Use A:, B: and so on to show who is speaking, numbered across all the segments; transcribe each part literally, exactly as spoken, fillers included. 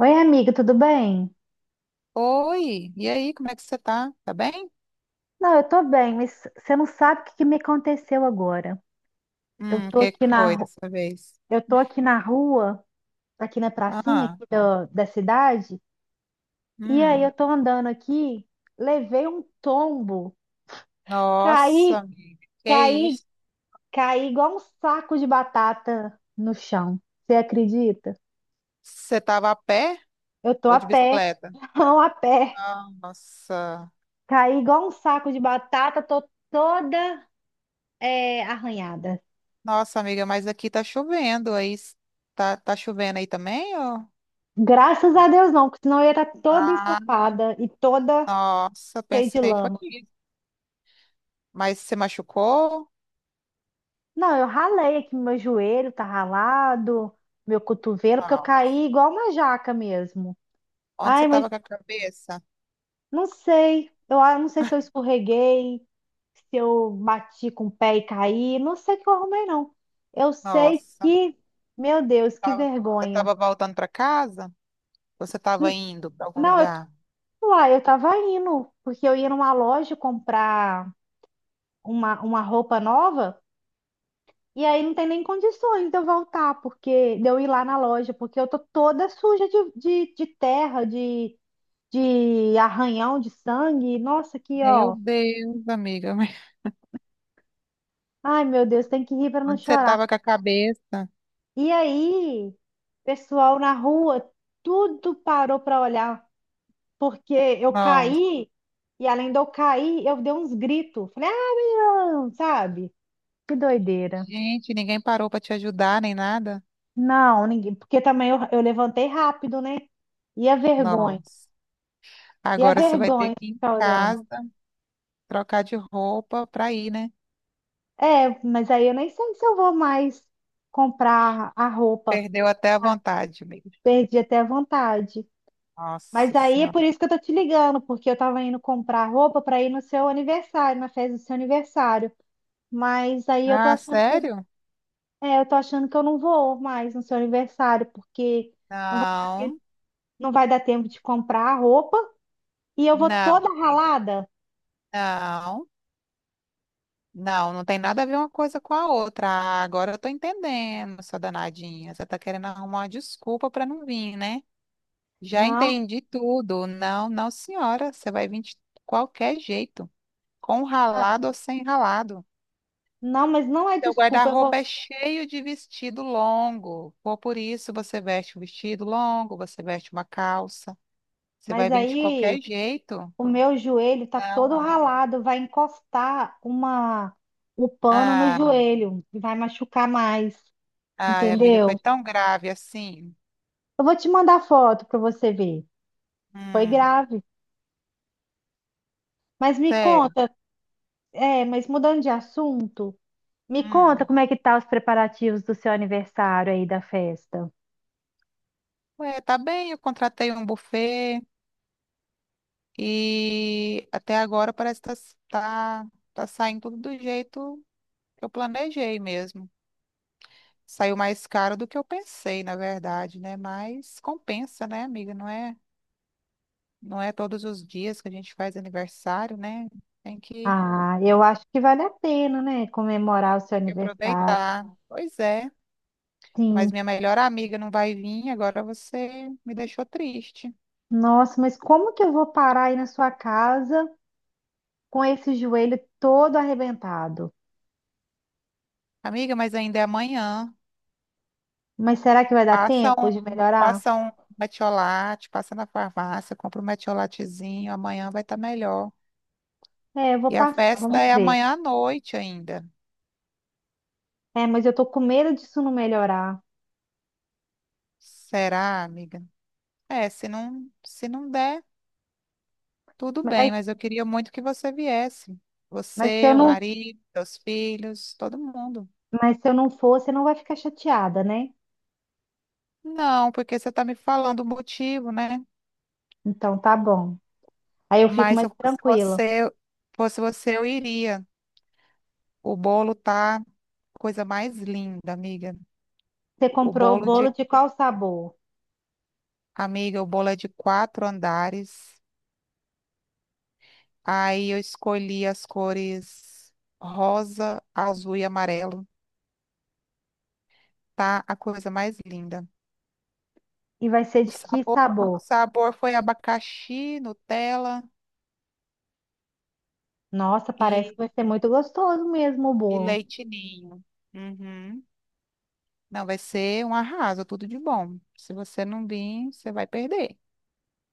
A: Oi, amiga, tudo bem?
B: Oi, e aí, como é que você tá? Tá bem?
A: Não, eu tô bem, mas você não sabe o que que me aconteceu agora. Eu
B: Hum, o
A: tô
B: que
A: aqui
B: que
A: na,
B: foi
A: ru-
B: dessa vez?
A: eu tô aqui na rua, aqui na pracinha
B: Ah,
A: aqui da, da cidade, e aí eu
B: hum,
A: tô andando aqui, levei um tombo,
B: nossa,
A: caí,
B: amiga, que
A: caí,
B: isso?
A: caí igual um saco de batata no chão. Você acredita?
B: Você tava a pé
A: Eu tô
B: ou
A: a
B: de
A: pé,
B: bicicleta?
A: não a pé.
B: Ah, nossa,
A: Caí igual um saco de batata, tô toda eh, arranhada.
B: nossa, amiga, mas aqui tá chovendo aí. Tá, tá chovendo aí também, ou?
A: Graças a Deus não, porque senão eu ia estar toda
B: Ah,
A: ensopada e toda
B: nossa,
A: cheia de
B: pensei que foi
A: lama.
B: isso. Mas você machucou?
A: Não, eu ralei aqui, meu joelho tá ralado, meu cotovelo, porque eu caí
B: Nossa,
A: igual uma jaca mesmo.
B: onde
A: Ai,
B: você
A: mas
B: tava com a cabeça?
A: não sei, eu a- não sei se eu escorreguei, se eu bati com o pé e caí, não sei o que eu arrumei, não. Eu sei
B: Nossa,
A: que, meu Deus, que
B: tava- você
A: vergonha.
B: tava voltando pra casa? Ou você tava
A: N-
B: indo pra algum
A: Não, eu,
B: lugar?
A: uai, eu tava indo, porque eu ia numa loja comprar uma, uma roupa nova. E aí não tem nem condições de eu voltar, porque de eu ir lá na loja, porque eu tô toda suja de, de, de terra, de, de arranhão, de sangue. Nossa, aqui,
B: Meu
A: ó.
B: Deus, amiga, mas
A: Ai, meu Deus, tem que rir para não
B: onde você
A: chorar.
B: estava com a cabeça?
A: E aí, pessoal na rua, tudo parou para olhar, porque eu
B: Nossa,
A: caí, e além de eu cair, eu dei uns gritos. Falei, ah, menino, sabe? Que doideira.
B: gente, ninguém parou para te ajudar nem nada?
A: Não, ninguém, porque também eu, eu levantei rápido, né? E a vergonha?
B: Nossa,
A: E a
B: agora você vai ter
A: vergonha de
B: que ir em
A: ficar olhando.
B: casa, trocar de roupa para ir, né?
A: É, mas aí eu nem sei se eu vou mais comprar a roupa.
B: Perdeu até a
A: Ah,
B: vontade, amiga.
A: perdi até a vontade. Mas
B: Nossa
A: aí é
B: Senhora.
A: por isso que eu tô te ligando, porque eu tava indo comprar roupa para ir no seu aniversário, na festa do seu aniversário. Mas aí eu tô
B: Ah,
A: achando que,
B: sério?
A: é, eu tô achando que eu não vou mais no seu aniversário, porque não vai dar tempo,
B: Não,
A: não vai dar tempo de comprar a roupa e eu vou
B: não,
A: toda
B: amiga.
A: ralada.
B: Não, não, não tem nada a ver uma coisa com a outra. Ah, agora eu tô entendendo, sua danadinha. Você tá querendo arrumar uma desculpa para não vir, né? Já
A: Não,
B: entendi tudo. Não, não, senhora. Você vai vir de qualquer jeito, com
A: ah,
B: ralado ou sem ralado.
A: não, mas não é
B: Seu
A: desculpa, eu
B: guarda-roupa
A: vou.
B: é cheio de vestido longo. Ou por isso você veste um vestido longo, você veste uma calça. Você
A: Mas
B: vai vir de
A: aí
B: qualquer jeito.
A: o meu joelho tá
B: Não,
A: todo
B: amiga.
A: ralado, vai encostar uma o pano no
B: Ah,
A: joelho e vai machucar mais,
B: ai, amiga, foi
A: entendeu?
B: tão grave assim.
A: Eu vou te mandar foto para você ver. Foi
B: Hum,
A: grave. Mas me
B: sério.
A: conta, é, mas mudando de assunto, me conta
B: Hum.
A: como é que tá os preparativos do seu aniversário aí da festa.
B: Ué, tá bem, eu contratei um buffet e até agora parece que tá, tá tá saindo tudo do jeito eu planejei mesmo. Saiu mais caro do que eu pensei, na verdade, né? Mas compensa, né, amiga? Não é, não é todos os dias que a gente faz aniversário, né? Tem que,
A: Ah, eu acho que vale a pena, né, comemorar o seu
B: tem que
A: aniversário.
B: aproveitar. Pois é. Mas
A: Sim.
B: minha melhor amiga não vai vir, agora você me deixou triste.
A: Nossa, mas como que eu vou parar aí na sua casa com esse joelho todo arrebentado?
B: Amiga, mas ainda é amanhã.
A: Mas será que vai dar
B: Passa
A: tempo de
B: um,
A: melhorar?
B: passa um metiolate, passa na farmácia, compra um metiolatezinho, amanhã vai estar melhor.
A: É, eu vou
B: E a
A: passar,
B: festa
A: vamos
B: é
A: ver.
B: amanhã à noite ainda.
A: É, mas eu tô com medo disso não melhorar.
B: Será, amiga? É, se não, se não der, tudo bem,
A: Mas,
B: mas eu queria muito que você viesse.
A: mas se eu
B: Você, o
A: não,
B: marido, seus filhos, todo mundo.
A: mas se eu não for, você não vai ficar chateada, né?
B: Não, porque você está me falando o motivo, né?
A: Então tá bom. Aí eu fico
B: Mas se
A: mais
B: eu fosse
A: tranquila.
B: você, fosse você, eu iria. O bolo tá coisa mais linda, amiga.
A: Você
B: O
A: comprou o
B: bolo
A: bolo
B: de,
A: de qual sabor?
B: amiga, o bolo é de quatro andares. Aí eu escolhi as cores rosa, azul e amarelo. Tá a coisa mais linda.
A: E vai ser
B: O
A: de que
B: sabor, o
A: sabor?
B: sabor foi abacaxi, Nutella
A: Nossa, parece que
B: e,
A: vai ser muito gostoso mesmo o
B: e
A: bolo.
B: leite ninho. Uhum. Não, vai ser um arraso, tudo de bom. Se você não vir, você vai perder.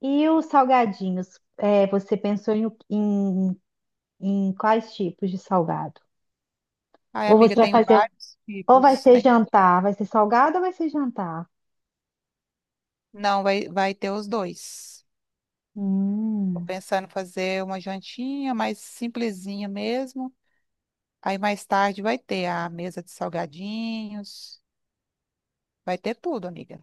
A: E os salgadinhos? É, você pensou em, o- em, em quais tipos de salgado?
B: Ai,
A: Ou
B: amiga,
A: você vai
B: tem
A: fazer,
B: vários
A: ou vai
B: tipos.
A: ser
B: Tem...
A: jantar? Vai ser salgado ou vai ser jantar?
B: Não, vai, vai ter os dois. Tô
A: Hum,
B: pensando em fazer uma jantinha mais simplesinha mesmo. Aí mais tarde vai ter a mesa de salgadinhos. Vai ter tudo, amiga.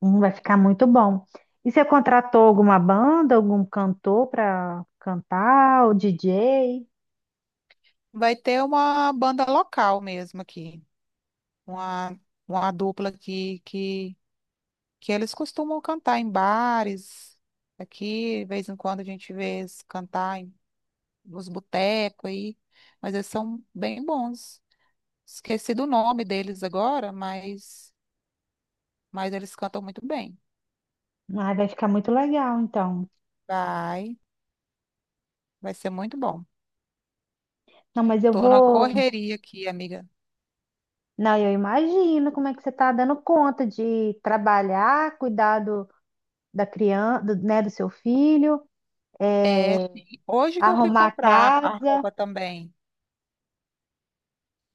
A: hum, vai ficar muito bom. E você contratou alguma banda, algum cantor para cantar, o D J?
B: Vai ter uma banda local mesmo aqui. uma, uma dupla que, que, que eles costumam cantar em bares. Aqui, de vez em quando, a gente vê eles cantar em, nos botecos aí, mas eles são bem bons. Esqueci do nome deles agora, mas, mas eles cantam muito bem.
A: Ah, vai ficar muito legal, então.
B: Vai, vai ser muito bom.
A: Não, mas eu
B: Tô na
A: vou.
B: correria aqui, amiga.
A: Não, eu imagino como é que você está dando conta de trabalhar, cuidar do, da criança, do, né, do seu filho,
B: É,
A: é,
B: sim. Hoje que eu fui
A: arrumar a
B: comprar a
A: casa.
B: roupa também.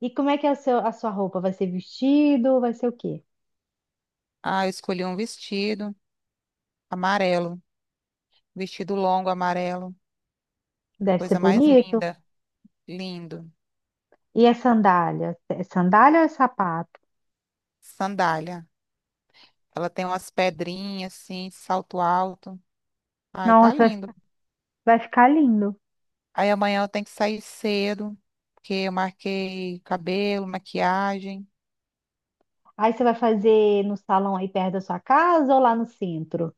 A: E como é que é o seu, a sua roupa? Vai ser vestido? Vai ser o quê?
B: Ah, eu escolhi um vestido amarelo, vestido longo amarelo,
A: Deve ser
B: coisa mais
A: bonito.
B: linda. Lindo.
A: E a sandália? É sandália ou é sapato?
B: Sandália. Ela tem umas pedrinhas assim, salto alto. Ai, tá
A: Nossa,
B: lindo.
A: vai ficar lindo.
B: Aí amanhã eu tenho que sair cedo, porque eu marquei cabelo, maquiagem.
A: Aí você vai fazer no salão aí perto da sua casa ou lá no centro?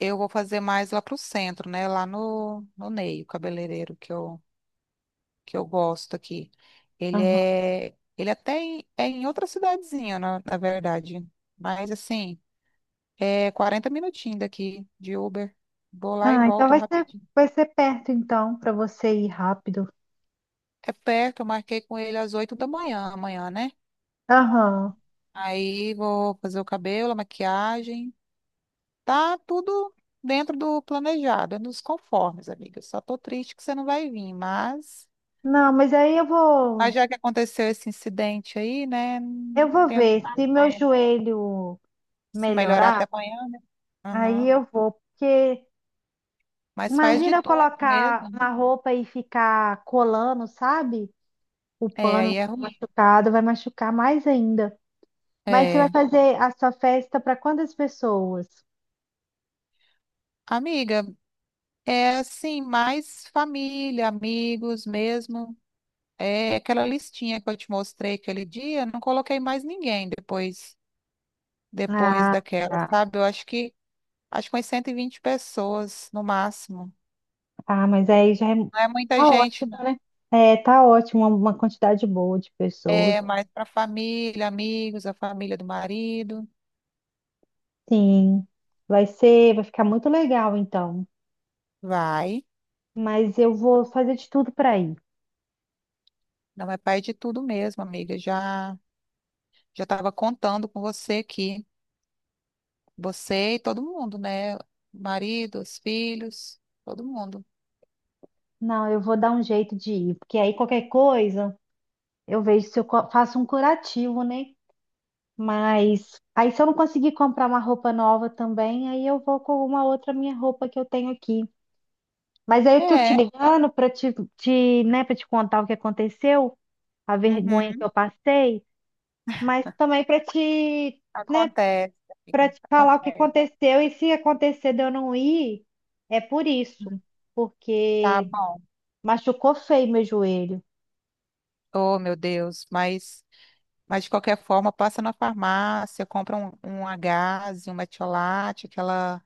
B: Eu vou fazer mais lá pro centro, né? Lá no, no Ney, o cabeleireiro que eu, que eu gosto aqui. Ele
A: Aham.
B: é, ele até em- é em outra cidadezinha, na, na verdade. Mas assim, é quarenta minutinhos daqui de Uber. Vou lá e
A: Ah, então
B: volto
A: vai ser,
B: rapidinho.
A: vai ser perto então para você ir rápido.
B: É perto, eu marquei com ele às oito da manhã, amanhã, né?
A: Aham.
B: Aí vou fazer o cabelo, a maquiagem. Tá tudo dentro do planejado, é nos conformes, amiga. Só tô triste que você não vai vir, mas,
A: Não, mas aí eu vou,
B: mas já que aconteceu esse incidente aí, né?
A: eu
B: Não
A: vou
B: tem o que
A: ver se meu
B: fazer.
A: joelho
B: Se melhorar
A: melhorar,
B: até amanhã, né?
A: aí
B: Aham.
A: eu vou, porque
B: Mas faz de
A: imagina eu
B: tudo
A: colocar
B: mesmo.
A: uma roupa e ficar colando, sabe? O
B: É,
A: pano
B: aí é ruim.
A: machucado vai machucar mais ainda. Mas você vai
B: É.
A: fazer a sua festa para quantas pessoas?
B: Amiga, é assim, mais família, amigos mesmo. É aquela listinha que eu te mostrei aquele dia, não coloquei mais ninguém depois depois
A: Ah,
B: daquela,
A: tá.
B: sabe? Eu acho que acho que umas cento e vinte pessoas no máximo.
A: Ah, mas aí já é,
B: Não é muita
A: tá
B: gente,
A: ótimo,
B: não.
A: né? É, tá ótimo, uma uma quantidade boa de pessoas.
B: É mais para família, amigos, a família do marido.
A: Sim, vai ser, vai ficar muito legal então.
B: Vai.
A: Mas eu vou fazer de tudo para ir.
B: Não é pai de tudo mesmo, amiga. Já já estava contando com você aqui. Você e todo mundo, né? Marido, os filhos, todo mundo.
A: Não, eu vou dar um jeito de ir, porque aí qualquer coisa eu vejo se eu co- faço um curativo, né? Mas aí se eu não conseguir comprar uma roupa nova também, aí eu vou com uma outra minha roupa que eu tenho aqui. Mas aí eu tô te
B: É.
A: ligando para te, te, né, para te contar o que aconteceu, a vergonha que eu
B: Uhum.
A: passei. Mas também para te, né,
B: Acontece,
A: para
B: amiga.
A: te falar o que
B: Acontece.
A: aconteceu e se acontecer de eu não ir, é por isso,
B: Tá
A: porque
B: bom.
A: machucou feio meu joelho.
B: Oh, meu Deus, mas, mas de qualquer forma, passa na farmácia, compra um, um Agase, um metiolate, aquela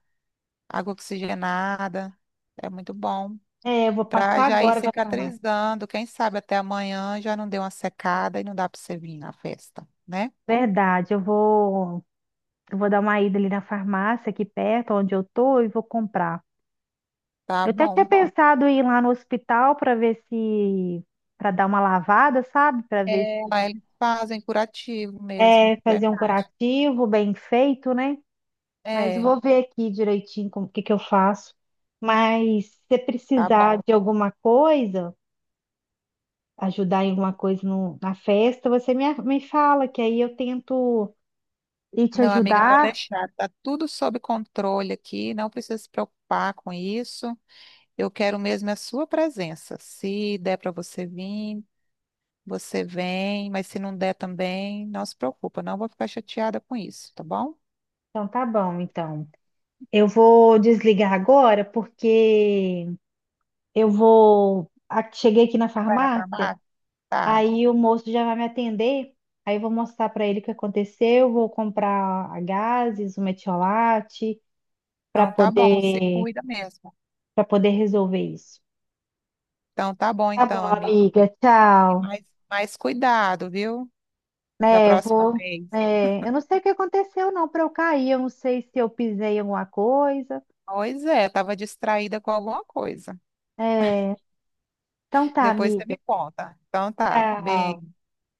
B: água oxigenada. É muito bom.
A: É, eu vou
B: Pra
A: passar
B: já ir
A: agora na farmácia.
B: cicatrizando. Quem sabe até amanhã já não deu uma secada e não dá pra você vir na festa, né?
A: Verdade, eu vou, eu vou dar uma ida ali na farmácia aqui perto, onde eu tô, e vou comprar.
B: Tá
A: Eu até tinha
B: bom.
A: pensado em ir lá no hospital para ver se, para dar uma lavada, sabe? Para ver
B: É,
A: se
B: lá eles fazem curativo mesmo,
A: é fazer um
B: verdade.
A: curativo bem feito, né? Mas eu
B: É,
A: vou ver aqui direitinho como o que que eu faço. Mas se você
B: tá
A: precisar
B: bom.
A: de alguma coisa, ajudar em alguma coisa no- na festa, você me, me fala, que aí eu tento ir te
B: Não, amiga, pode
A: ajudar.
B: deixar. Tá tudo sob controle aqui, não precisa se preocupar com isso. Eu quero mesmo é a sua presença. Se der para você vir, você vem, mas se não der também, não se preocupa, não vou ficar chateada com isso, tá bom?
A: Então tá bom, então. Eu vou desligar agora, porque eu vou. a- cheguei aqui na
B: Vai lá pra
A: farmácia,
B: mata? Tá.
A: aí o moço já vai me atender. Aí eu vou mostrar para ele o que aconteceu, vou comprar a gases, o metiolate, para
B: Então tá bom, você
A: poder
B: cuida mesmo.
A: para poder resolver isso.
B: Então tá bom
A: Tá bom,
B: então, amigo.
A: amiga.
B: E
A: Tchau.
B: mais, mais cuidado, viu? Da
A: Né, eu
B: próxima
A: vou.
B: vez.
A: É, eu não sei o que aconteceu, não, para eu cair. Eu não sei se eu pisei em alguma coisa.
B: Pois é, eu tava distraída com alguma coisa.
A: É, então tá,
B: Depois você
A: amiga.
B: me conta. Então tá,
A: Tchau.
B: beijo,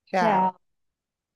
B: tchau.
A: Tchau.